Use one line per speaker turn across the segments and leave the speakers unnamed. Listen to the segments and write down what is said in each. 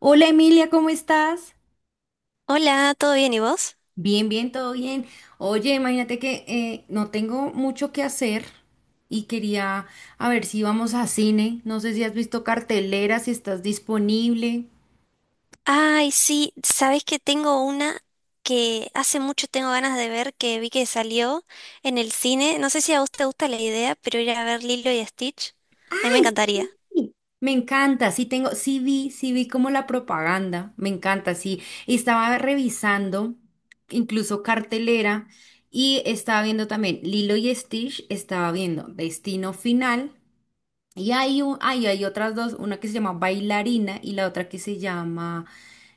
Hola Emilia, ¿cómo estás?
Hola, ¿todo bien y vos?
Bien, bien, todo bien. Oye, imagínate que no tengo mucho que hacer y quería a ver si vamos a cine. No sé si has visto cartelera, si estás disponible.
Ay, sí, sabés que tengo una que hace mucho tengo ganas de ver que vi que salió en el cine. No sé si a vos te gusta la idea, pero ir a ver Lilo y Stitch, a mí me encantaría.
Sí. Me encanta, sí tengo, sí vi como la propaganda, me encanta, sí. Y estaba revisando incluso cartelera y estaba viendo también Lilo y Stitch, estaba viendo Destino Final. Y hay otras dos, una que se llama Bailarina y la otra que se llama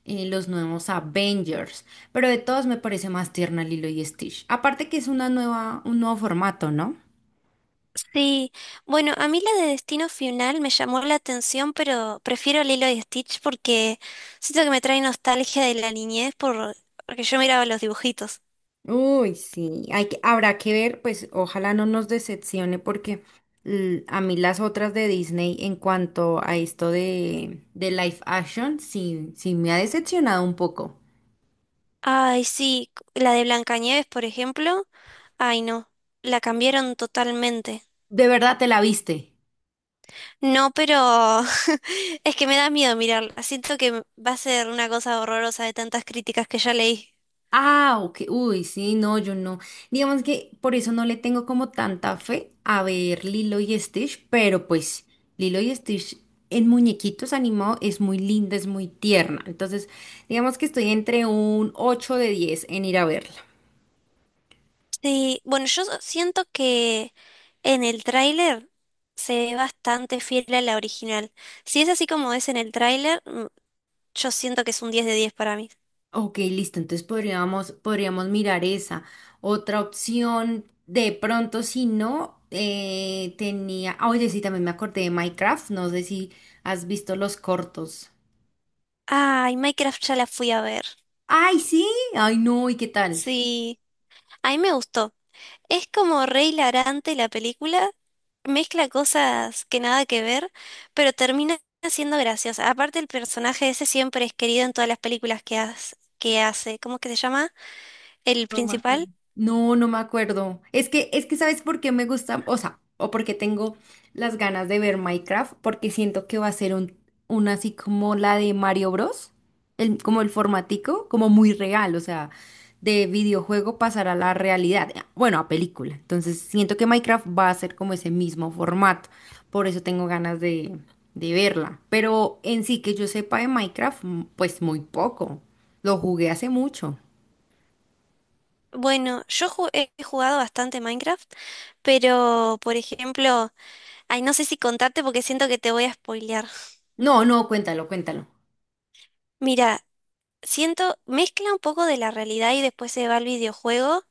Los Nuevos Avengers. Pero de todas me parece más tierna Lilo y Stitch. Aparte que es una nueva, un nuevo formato, ¿no?
Sí, bueno, a mí la de Destino Final me llamó la atención, pero prefiero Lilo y Stitch porque siento que me trae nostalgia de la niñez porque yo miraba los dibujitos.
Uy, sí, habrá que ver, pues ojalá no nos decepcione, porque a mí las otras de Disney en cuanto a esto de live action, sí, sí me ha decepcionado un poco.
Ay, sí, la de Blancanieves, por ejemplo. Ay, no, la cambiaron totalmente.
¿De verdad te la viste?
No, pero es que me da miedo mirarla. Siento que va a ser una cosa horrorosa de tantas críticas que ya leí.
Ah, ok. Uy, sí, no, yo no. Digamos que por eso no le tengo como tanta fe a ver Lilo y Stitch, pero pues Lilo y Stitch en muñequitos animado es muy linda, es muy tierna. Entonces, digamos que estoy entre un 8 de 10 en ir a verla.
Sí, bueno, yo siento que en el tráiler se ve bastante fiel a la original. Si es así como es en el tráiler, yo siento que es un 10 de 10 para mí.
Ok, listo. Entonces podríamos mirar esa. Otra opción, de pronto, si no, tenía. Ah, oye, sí, también me acordé de Minecraft. No sé si has visto los cortos.
Ay, Minecraft ya la fui a ver.
Ay, sí, ay, no, ¿y qué tal?
Sí, a mí me gustó. Es como re hilarante la película, mezcla cosas que nada que ver, pero termina siendo graciosa. Aparte el personaje ese siempre es querido en todas las películas que hace. ¿Cómo es que se llama? El
No me acuerdo.
principal.
No, no me acuerdo. Es que, ¿sabes por qué me gusta? O sea, o porque tengo las ganas de ver Minecraft, porque siento que va a ser una así como la de Mario Bros. Como el formatico, como muy real, o sea, de videojuego pasar a la realidad, bueno, a película. Entonces, siento que Minecraft va a ser como ese mismo formato, por eso tengo ganas de verla. Pero en sí que yo sepa de Minecraft, pues muy poco. Lo jugué hace mucho.
Bueno, yo he jugado bastante Minecraft, pero por ejemplo, ay, no sé si contarte porque siento que te voy a spoilear.
No, no, cuéntalo, cuéntalo.
Mira, siento, mezcla un poco de la realidad y después se va al videojuego,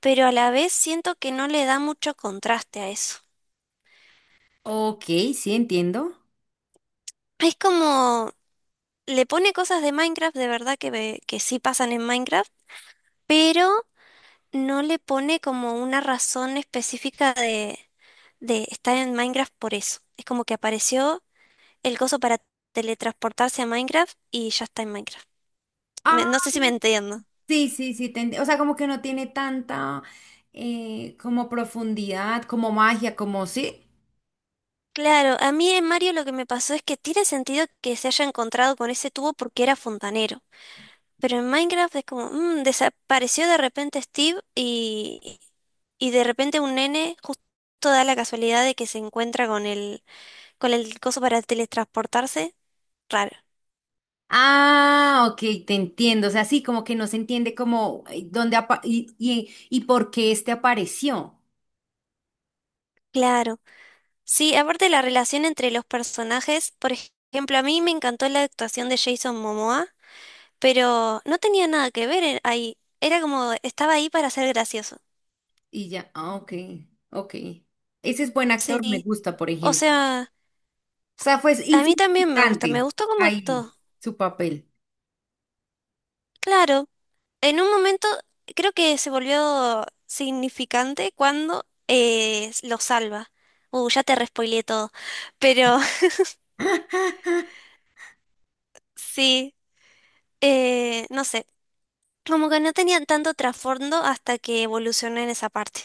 pero a la vez siento que no le da mucho contraste a eso.
Ok, sí, entiendo.
Es como, le pone cosas de Minecraft, de verdad que sí pasan en Minecraft, pero no le pone como una razón específica de estar en Minecraft por eso. Es como que apareció el coso para teletransportarse a Minecraft y ya está en Minecraft. Me-
Ah,
no sé si me entiendo.
sí, sí, sí, o sea, como que no tiene tanta como profundidad, como magia, como sí.
Claro, a mí en Mario lo que me pasó es que tiene sentido que se haya encontrado con ese tubo porque era fontanero. Pero en Minecraft es como, desapareció de repente Steve y de repente un nene justo da la casualidad de que se encuentra con el coso para teletransportarse. Raro.
Ah, ok, te entiendo. O sea, sí, como que no se entiende como y por qué este apareció.
Claro. Sí, aparte la relación entre los personajes, por ejemplo, a mí me encantó la actuación de Jason Momoa, pero no tenía nada que ver ahí. Era como, estaba ahí para ser gracioso.
Y ya, ah, ok, ok. Ese es buen actor, me
Sí.
gusta, por
O
ejemplo.
sea,
O sea, fue
a mí también me gusta, me
insignificante
gustó cómo
ahí
actuó.
su papel.
Claro. En un momento creo que se volvió significante cuando lo salva. Ya te respoileé todo. Pero sí, no sé. Como que no tenían tanto trasfondo hasta que evolucioné en esa parte.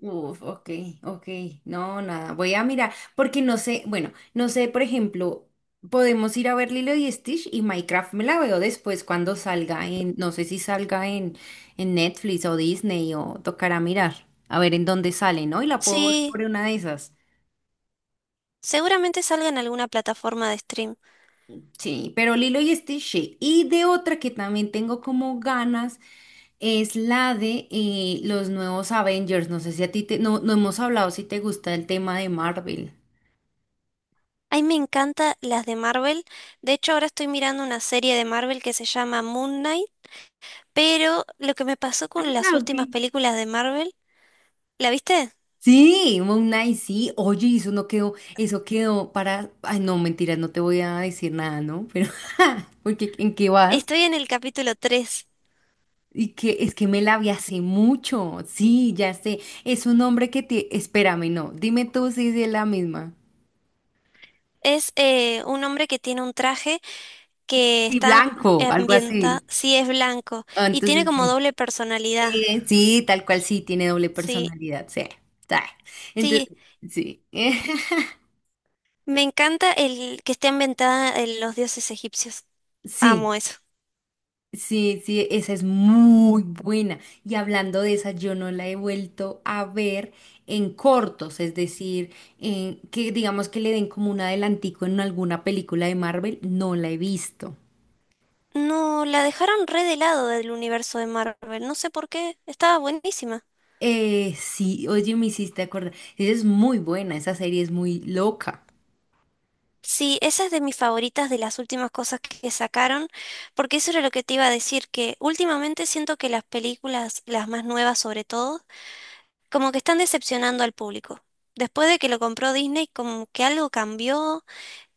Uf, ok, ok, no, nada, voy a mirar, porque no sé, bueno, no sé, por ejemplo, podemos ir a ver Lilo y Stitch y Minecraft me la veo después cuando salga en, no sé si salga en Netflix o Disney, o tocará mirar, a ver en dónde sale, ¿no? Y la puedo ver
Sí,
por una de esas.
seguramente salga en alguna plataforma de stream.
Sí, pero Lilo y Stitch, sí. Y de otra que también tengo como ganas es la de los nuevos Avengers. No sé si a ti te, no, no hemos hablado si te gusta el tema de Marvel.
A mí me encantan las de Marvel. De hecho, ahora estoy mirando una serie de Marvel que se llama Moon Knight. Pero lo que me pasó con las
Ah, ok.
últimas películas de Marvel, ¿la viste?
Sí, Moon Knight, sí. Oye, y eso no quedó, eso quedó para. Ay, no, mentira, no te voy a decir nada, ¿no? Pero, porque ¿en qué vas?
Estoy en el capítulo 3.
Y que es que me la vi hace mucho. Sí, ya sé. Es un hombre que te. Espérame, no. Dime tú si es la misma.
Es un hombre que tiene un traje que
Sí,
está
blanco, algo
ambientado,
así.
sí es blanco,
Ah,
y tiene
entonces,
como
sí,
doble personalidad.
Sí, tal cual, sí, tiene doble
Sí,
personalidad. Sí, sí.
sí,
Entonces, sí.
me encanta el que esté ambientada en los dioses egipcios. Amo
Sí.
eso.
Sí, sí, esa es muy buena. Y hablando de esa, yo no la he vuelto a ver en cortos, es decir, que digamos que le den como un adelantico en alguna película de Marvel, no la he visto.
No, la dejaron re de lado del universo de Marvel, no sé por qué, estaba buenísima.
Sí, oye, me hiciste acordar. Esa es muy buena, esa serie es muy loca.
Sí, esa es de mis favoritas de las últimas cosas que sacaron, porque eso era lo que te iba a decir, que últimamente siento que las películas, las más nuevas sobre todo, como que están decepcionando al público. Después de que lo compró Disney, como que algo cambió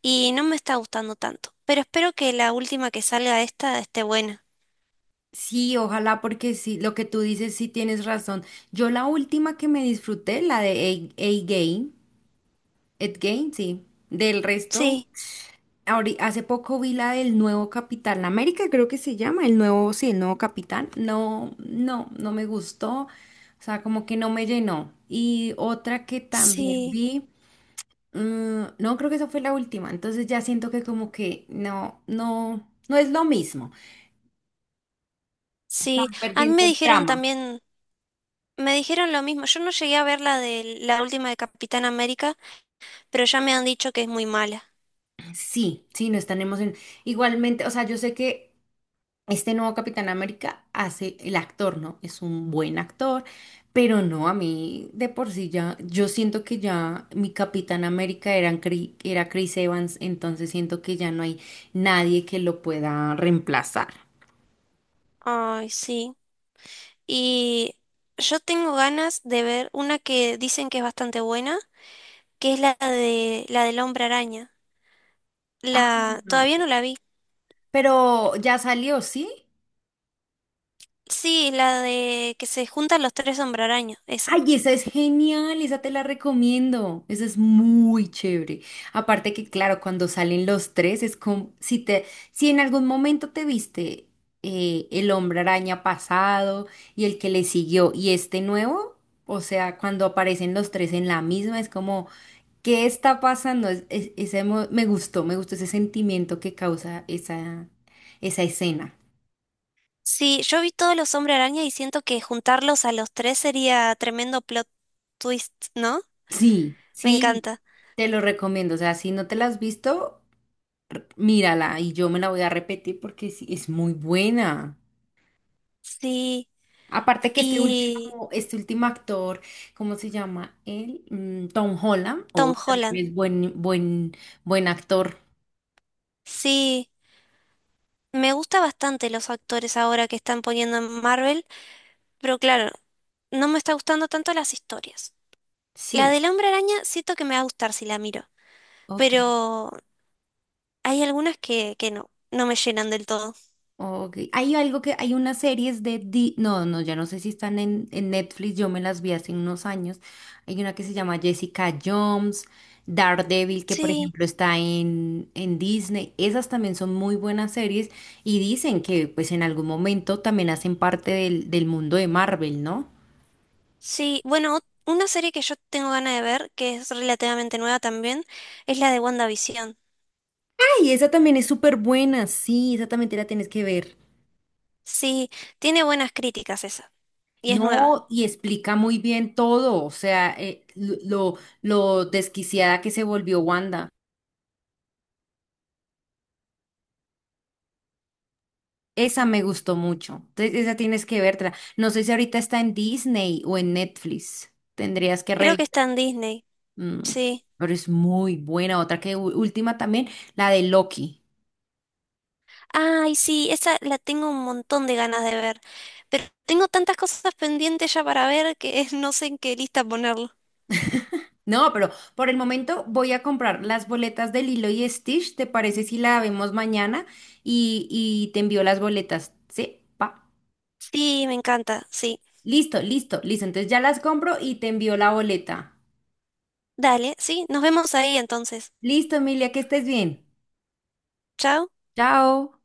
y no me está gustando tanto. Pero espero que la última que salga esta esté buena.
Sí, ojalá, porque sí, lo que tú dices sí, tienes razón. Yo la última que me disfruté, la de A Game, Ed Game, sí. Del resto.
Sí,
Hace poco vi la del nuevo Capitán América, creo que se llama, el nuevo, sí, el nuevo Capitán. No, no, no me gustó. O sea, como que no me llenó. Y otra que también
sí,
vi, mm, no, creo que esa fue la última. Entonces ya siento que como que no, no, no es lo mismo.
sí.
Están
A mí
perdiendo
me
el
dijeron
trama.
también, me dijeron lo mismo. Yo no llegué a ver la de la última de Capitán América, pero ya me han dicho que es muy mala.
Sí, sí, no están emocionados. Igualmente, o sea, yo sé que este nuevo Capitán América hace, el actor, ¿no? Es un buen actor, pero no, a mí de por sí ya, yo siento que ya mi Capitán América era, era Chris Evans, entonces siento que ya no hay nadie que lo pueda reemplazar.
Ay, sí. Y yo tengo ganas de ver una que dicen que es bastante buena, que es la de la del Hombre Araña.
Ah,
La todavía no la vi.
pero ya salió, ¿sí?
Sí, la de que se juntan los tres hombre araña, esa.
Ay, esa es genial, esa te la recomiendo. Esa es muy chévere. Aparte que, claro, cuando salen los tres, es como si en algún momento te viste el hombre araña pasado, y el que le siguió, y este nuevo, o sea, cuando aparecen los tres en la misma, es como, ¿qué está pasando? Es- ese mo- me gustó ese sentimiento que causa esa escena.
Sí, yo vi todos los hombre araña y siento que juntarlos a los tres sería tremendo plot twist, ¿no?
Sí,
Me
sí,
encanta.
te lo recomiendo. O sea, si no te la has visto. Mírala, y yo me la voy a repetir porque sí, es muy buena.
Sí,
Aparte que este
y
último, este último actor, ¿cómo se llama él? Tom Holland, o
Tom Holland.
también es buen actor.
Sí, me gusta bastante los actores ahora que están poniendo en Marvel, pero claro, no me está gustando tanto las historias. La
Sí,
del hombre araña siento que me va a gustar si la miro,
ok.
pero hay algunas que no, no me llenan del todo.
Ok. Hay algo que, hay unas series de, no, no, ya no sé si están en, Netflix, yo me las vi hace unos años. Hay una que se llama Jessica Jones, Daredevil, que por
Sí.
ejemplo está en Disney. Esas también son muy buenas series y dicen que pues en algún momento también hacen parte del mundo de Marvel, ¿no?
Sí, bueno, una serie que yo tengo ganas de ver, que es relativamente nueva también, es la de WandaVision.
Ay, esa también es súper buena, sí, esa también te la tienes que ver.
Sí, tiene buenas críticas esa, y es nueva.
No, y explica muy bien todo, o sea, lo desquiciada que se volvió Wanda. Esa me gustó mucho. Entonces, esa tienes que verla. No sé si ahorita está en Disney o en Netflix. Tendrías que
Creo que
revisar.
está en Disney,
Mm,
sí.
pero es muy buena. Otra que última también, la de Loki.
Ay, sí, esa la tengo un montón de ganas de ver, pero tengo tantas cosas pendientes ya para ver que no sé en qué lista ponerlo.
No, pero por el momento voy a comprar las boletas de Lilo y Stitch. ¿Te parece si la vemos mañana? Y te envío las boletas. Sí, pa.
Sí, me encanta, sí.
Listo, listo, listo. Entonces ya las compro y te envío la boleta.
Dale, sí, nos vemos ahí entonces.
Listo, Emilia, que estés bien.
Chao.
Chao.